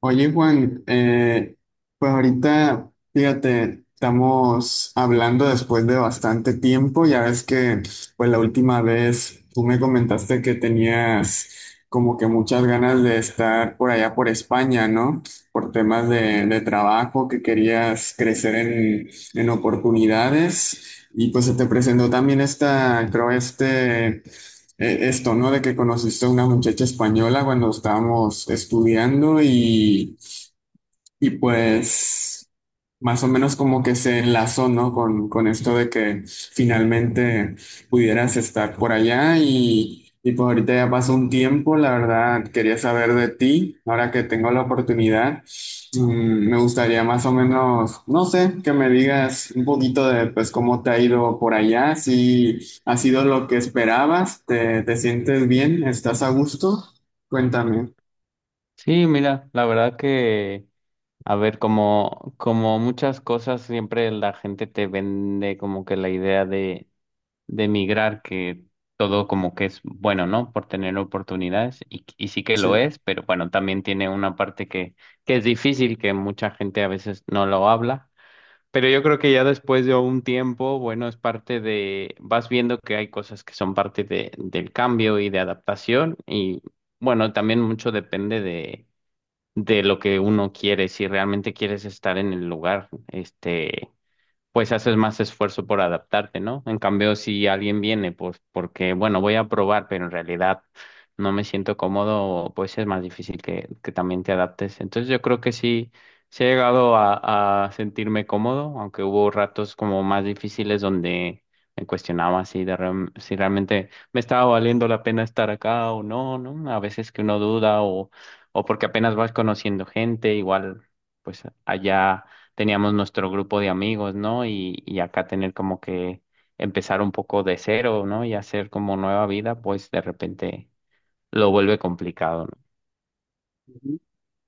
Oye, Juan, pues ahorita, fíjate, estamos hablando después de bastante tiempo. Ya ves que, pues la última vez tú me comentaste que tenías como que muchas ganas de estar por allá por España, ¿no? Por temas de trabajo, que querías crecer en oportunidades. Y pues se te presentó también esta, creo, esto, ¿no? De que conociste a una muchacha española cuando estábamos estudiando y pues más o menos como que se enlazó, ¿no? Con esto de que finalmente pudieras estar por allá y pues ahorita ya pasó un tiempo, la verdad quería saber de ti, ahora que tengo la oportunidad, me gustaría más o menos, no sé, que me digas un poquito de pues cómo te ha ido por allá, si ha sido lo que esperabas, te sientes bien, estás a gusto, cuéntame, Sí, mira, la verdad que, a ver, como muchas cosas, siempre la gente te vende como que la idea de emigrar, que todo como que es bueno, ¿no? Por tener oportunidades, y sí que lo sí. es, pero bueno, también tiene una parte que es difícil, que mucha gente a veces no lo habla. Pero yo creo que ya después de un tiempo, bueno, es parte de, vas viendo que hay cosas que son parte de, del cambio y de adaptación, y bueno, también mucho depende de lo que uno quiere, si realmente quieres estar en el lugar, este, pues haces más esfuerzo por adaptarte, ¿no? En cambio, si alguien viene, pues porque, bueno, voy a probar, pero en realidad no me siento cómodo, pues es más difícil que también te adaptes. Entonces yo creo que sí, sí he llegado a sentirme cómodo, aunque hubo ratos como más difíciles donde me cuestionaba si, si realmente me estaba valiendo la pena estar acá o no, ¿no? A veces que uno duda o porque apenas vas conociendo gente, igual, pues allá teníamos nuestro grupo de amigos, ¿no? Y acá tener como que empezar un poco de cero, ¿no? Y hacer como nueva vida, pues de repente lo vuelve complicado,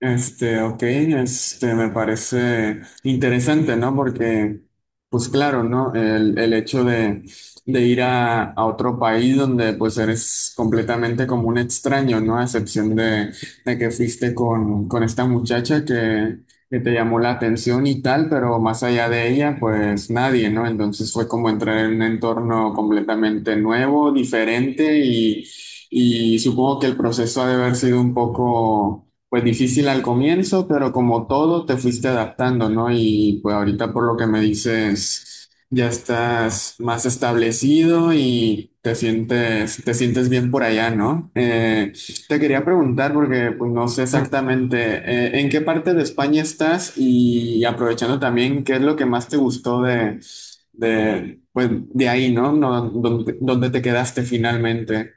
Este, ok, este, me parece interesante, ¿no? Porque, pues claro, ¿no? El hecho de ir a otro país donde pues eres completamente como un extraño, ¿no? A excepción de que fuiste con esta muchacha que te llamó la atención y tal, pero más allá de ella, pues nadie, ¿no? Entonces fue como entrar en un entorno completamente nuevo, diferente y supongo que el proceso ha de haber sido un poco pues difícil al comienzo, pero como todo te fuiste adaptando, ¿no? Y pues ahorita por lo que me dices, ya estás más establecido y te sientes bien por allá, ¿no? Te quería preguntar porque pues no sé ¿no? Exactamente en qué parte de España estás y aprovechando también qué es lo que más te gustó de pues de ahí, ¿no? No, donde, donde te quedaste finalmente.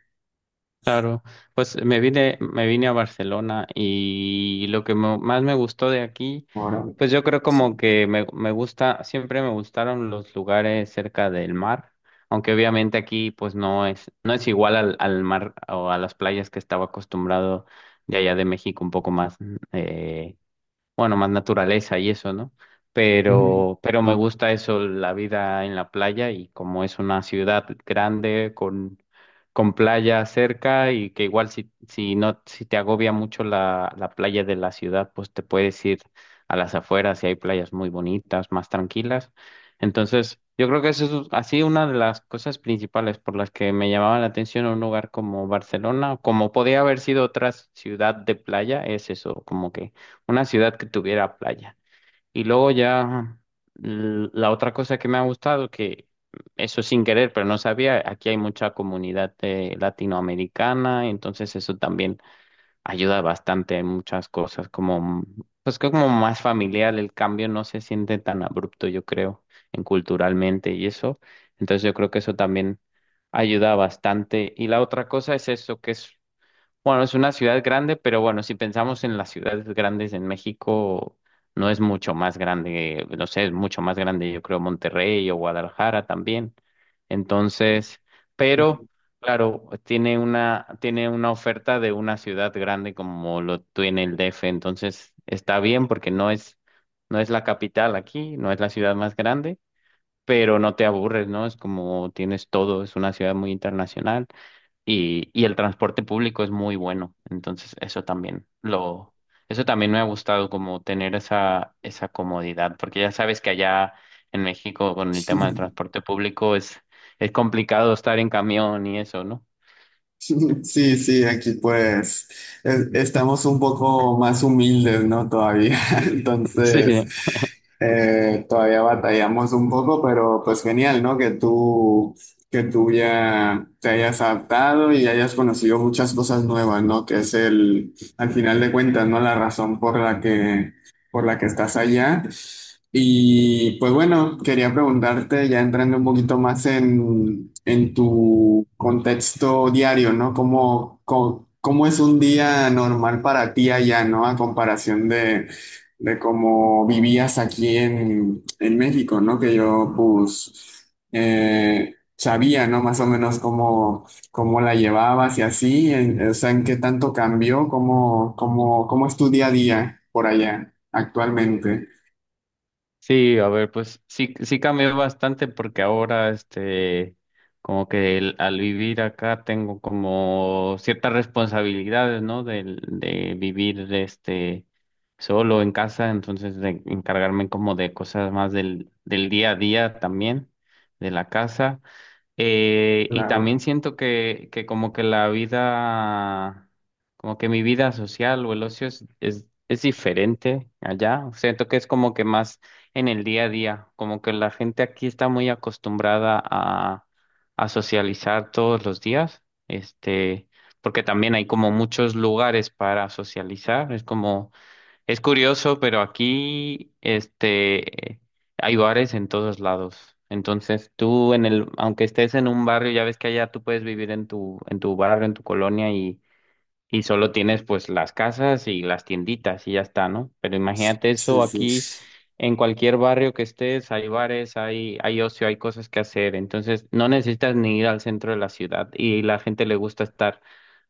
claro, pues me vine a Barcelona y lo que más me gustó de aquí, Ahora. pues yo creo como Sí. que me gusta, siempre me gustaron los lugares cerca del mar, aunque obviamente aquí pues no es, no es igual al, al mar o a las playas que estaba acostumbrado de allá de México un poco más eh, bueno, más naturaleza y eso, ¿no? Pero me gusta eso, la vida en la playa y como es una ciudad grande con playa cerca y que igual si, si no, si te agobia mucho la playa de la ciudad, pues te puedes ir a las afueras y hay playas muy bonitas, más tranquilas. Entonces, yo creo que eso es así una de las cosas principales por las que me llamaba la atención un lugar como Barcelona, como podía haber sido otra ciudad de playa, es eso, como que una ciudad que tuviera playa. Y luego ya la otra cosa que me ha gustado, que eso sin querer, pero no sabía, aquí hay mucha comunidad latinoamericana, entonces eso también ayuda bastante en muchas cosas, como pues que como más familiar, el cambio no se siente tan abrupto, yo creo, en culturalmente y eso. Entonces yo creo que eso también ayuda bastante. Y la otra cosa es eso, que es bueno, es una ciudad grande, pero bueno, si pensamos en las ciudades grandes en México, no es mucho más grande, no sé, es mucho más grande, yo creo, Monterrey o Guadalajara también. Entonces, pero Ujú. claro, tiene una oferta de una ciudad grande como lo tiene el DF, entonces está bien porque no es, no es la capital aquí, no es la ciudad más grande, pero no te aburres, ¿no? Es como tienes todo, es una ciudad muy internacional y el transporte público es muy bueno. Entonces, eso también lo, eso también me ha gustado como tener esa, esa comodidad, porque ya sabes que allá en México con el tema del transporte público es complicado estar en camión y eso, ¿no? Sí, sí, aquí pues estamos un poco más humildes, ¿no? Todavía. Sí, Entonces, sí. Todavía batallamos un poco, pero pues genial, ¿no? Que tú ya te hayas adaptado y hayas conocido muchas cosas nuevas, ¿no? Que es el, al final de cuentas, ¿no? La razón por la que estás allá. Y pues bueno, quería preguntarte, ya entrando un poquito más en tu contexto diario, ¿no? ¿Cómo es un día normal para ti allá, ¿no? A comparación de cómo vivías aquí en México, ¿no? Que yo pues sabía, ¿no? Más o menos cómo, cómo la llevabas y así, en- o sea, en qué tanto cambió, cómo es tu día a día por allá actualmente. Sí, a ver, pues sí, sí cambió bastante porque ahora, este, como que al vivir acá tengo como ciertas responsabilidades, ¿no? De vivir, este, solo en casa, entonces de encargarme como de cosas más del, del día a día también, de la casa. Y Claro. también siento que como que la vida, como que mi vida social o el ocio es diferente allá. Siento que es como que más en el día a día, como que la gente aquí está muy acostumbrada a socializar todos los días, este, porque también hay como muchos lugares para socializar, es como es curioso, pero aquí este hay bares en todos lados. Entonces, tú en el aunque estés en un barrio, ya ves que allá tú puedes vivir en tu barrio, en tu colonia y solo tienes pues las casas y las tienditas y ya está, ¿no? Pero imagínate Sí, eso sí. aquí en cualquier barrio que estés, hay bares, hay ocio, hay cosas que hacer, entonces no necesitas ni ir al centro de la ciudad y la gente le gusta estar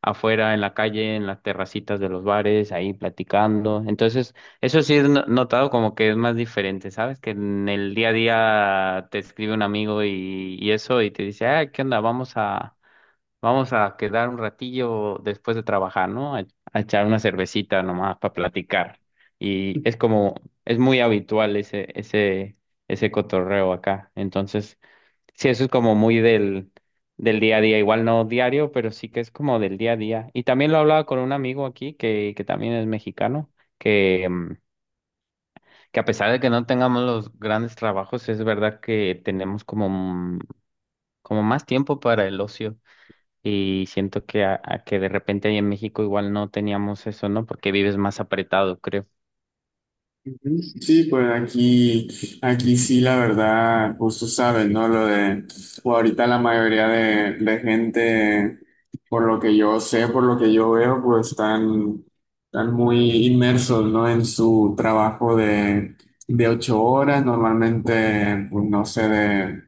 afuera en la calle, en las terracitas de los bares, ahí platicando. Entonces, eso sí he notado como que es más diferente, ¿sabes? Que en el día a día te escribe un amigo y eso y te dice, ah, ¿qué onda? Vamos a quedar un ratillo después de trabajar, ¿no? A echar una cervecita nomás para platicar. Y es como, es muy habitual ese cotorreo acá. Entonces, sí, eso es como muy del, del día a día. Igual no diario, pero sí que es como del día a día. Y también lo hablaba con un amigo aquí que también es mexicano, que, que a pesar de que no tengamos los grandes trabajos, es verdad que tenemos como, como más tiempo para el ocio. Y siento que, a que de repente ahí en México igual no teníamos eso, ¿no? Porque vives más apretado, creo. Ujú. Sí, pues aquí, aquí sí, la verdad, pues tú sabes, ¿no? Lo de, o ahorita la mayoría de gente, por lo que yo sé, por lo que yo veo, pues están, están muy inmersos, ¿no? En su trabajo de 8 horas, normalmente, pues no sé, de,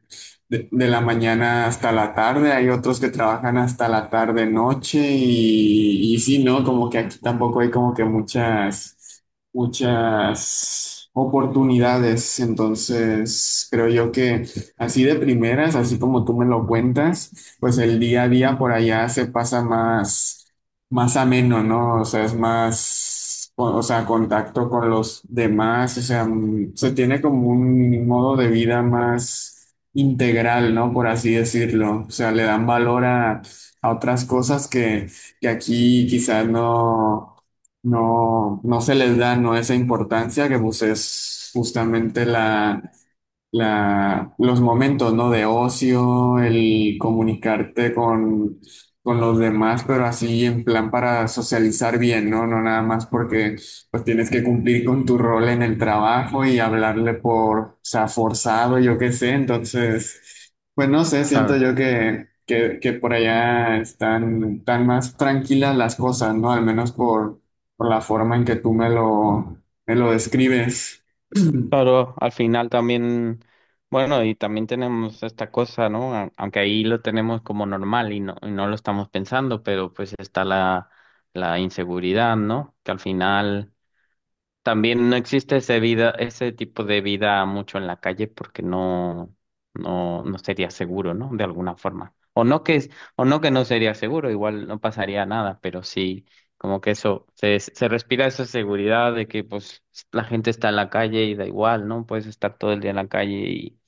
de, de la mañana hasta la tarde. Hay otros que trabajan hasta la tarde, noche, y sí, ¿no? Como que aquí tampoco hay como que muchas oportunidades. Entonces, creo yo que así de primeras, así como tú me lo cuentas, pues el día a día por allá se pasa más, más ameno, ¿no? O sea, es más, o sea, contacto con los demás, o sea, se tiene como un modo de vida más integral, ¿no? Por así decirlo. O sea, le dan valor a otras cosas que aquí quizás no. No, no se les da, no esa importancia que pues es justamente la, los momentos, ¿no? De ocio, el comunicarte con los demás, pero así en plan para socializar bien, ¿no? No nada más porque pues tienes que cumplir con tu rol en el trabajo y hablarle por, o sea, forzado, yo qué sé. Entonces, pues no sé, siento Claro. yo que por allá están, tan más tranquilas las cosas, ¿no? Al menos por la forma en que tú me lo describes. Claro, al final también, bueno, y también tenemos esta cosa, ¿no? A- Aunque ahí lo tenemos como normal y no lo estamos pensando, pero pues está la inseguridad, ¿no? Que al final también no existe ese vida, ese tipo de vida mucho en la calle porque no, no sería seguro, ¿no? De alguna forma. O no que es, o no que no sería seguro, igual no pasaría nada, pero sí, como que eso, se respira esa seguridad de que pues la gente está en la calle y da igual, ¿no? Puedes estar todo el día en la calle y,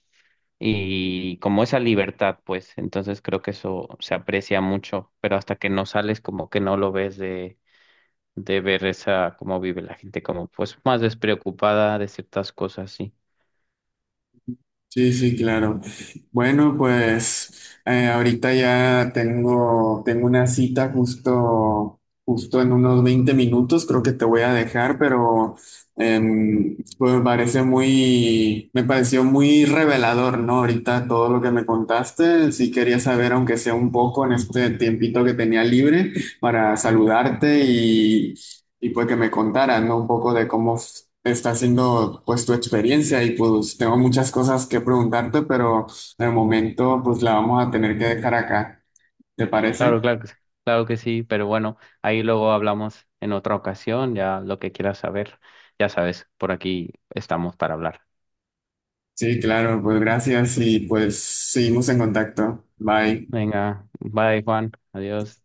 y como esa libertad, pues, entonces creo que eso se aprecia mucho, pero hasta que no sales, como que no lo ves de ver esa, cómo vive la gente, como pues más despreocupada de ciertas cosas, sí. Sí, sí, claro. Bueno, pues ahorita ya tengo, tengo una cita justo, justo en unos 20 minutos, creo que te voy a dejar, pero pues me parece muy, me pareció muy revelador, ¿no? Ahorita todo lo que me contaste, sí quería saber, aunque sea un poco en este tiempito que tenía libre, para Ujú. saludarte y pues que me contaras, ¿no? Un poco de cómo está siendo pues tu experiencia y pues tengo muchas cosas que preguntarte, pero de momento pues la vamos a tener que dejar acá, ¿te Claro, parece? Claro que sí, pero bueno, ahí luego hablamos en otra ocasión, ya lo que quieras saber, ya sabes, por aquí estamos para hablar. Sí, claro, pues gracias y pues seguimos en contacto. Bye. Venga, bye Juan, adiós.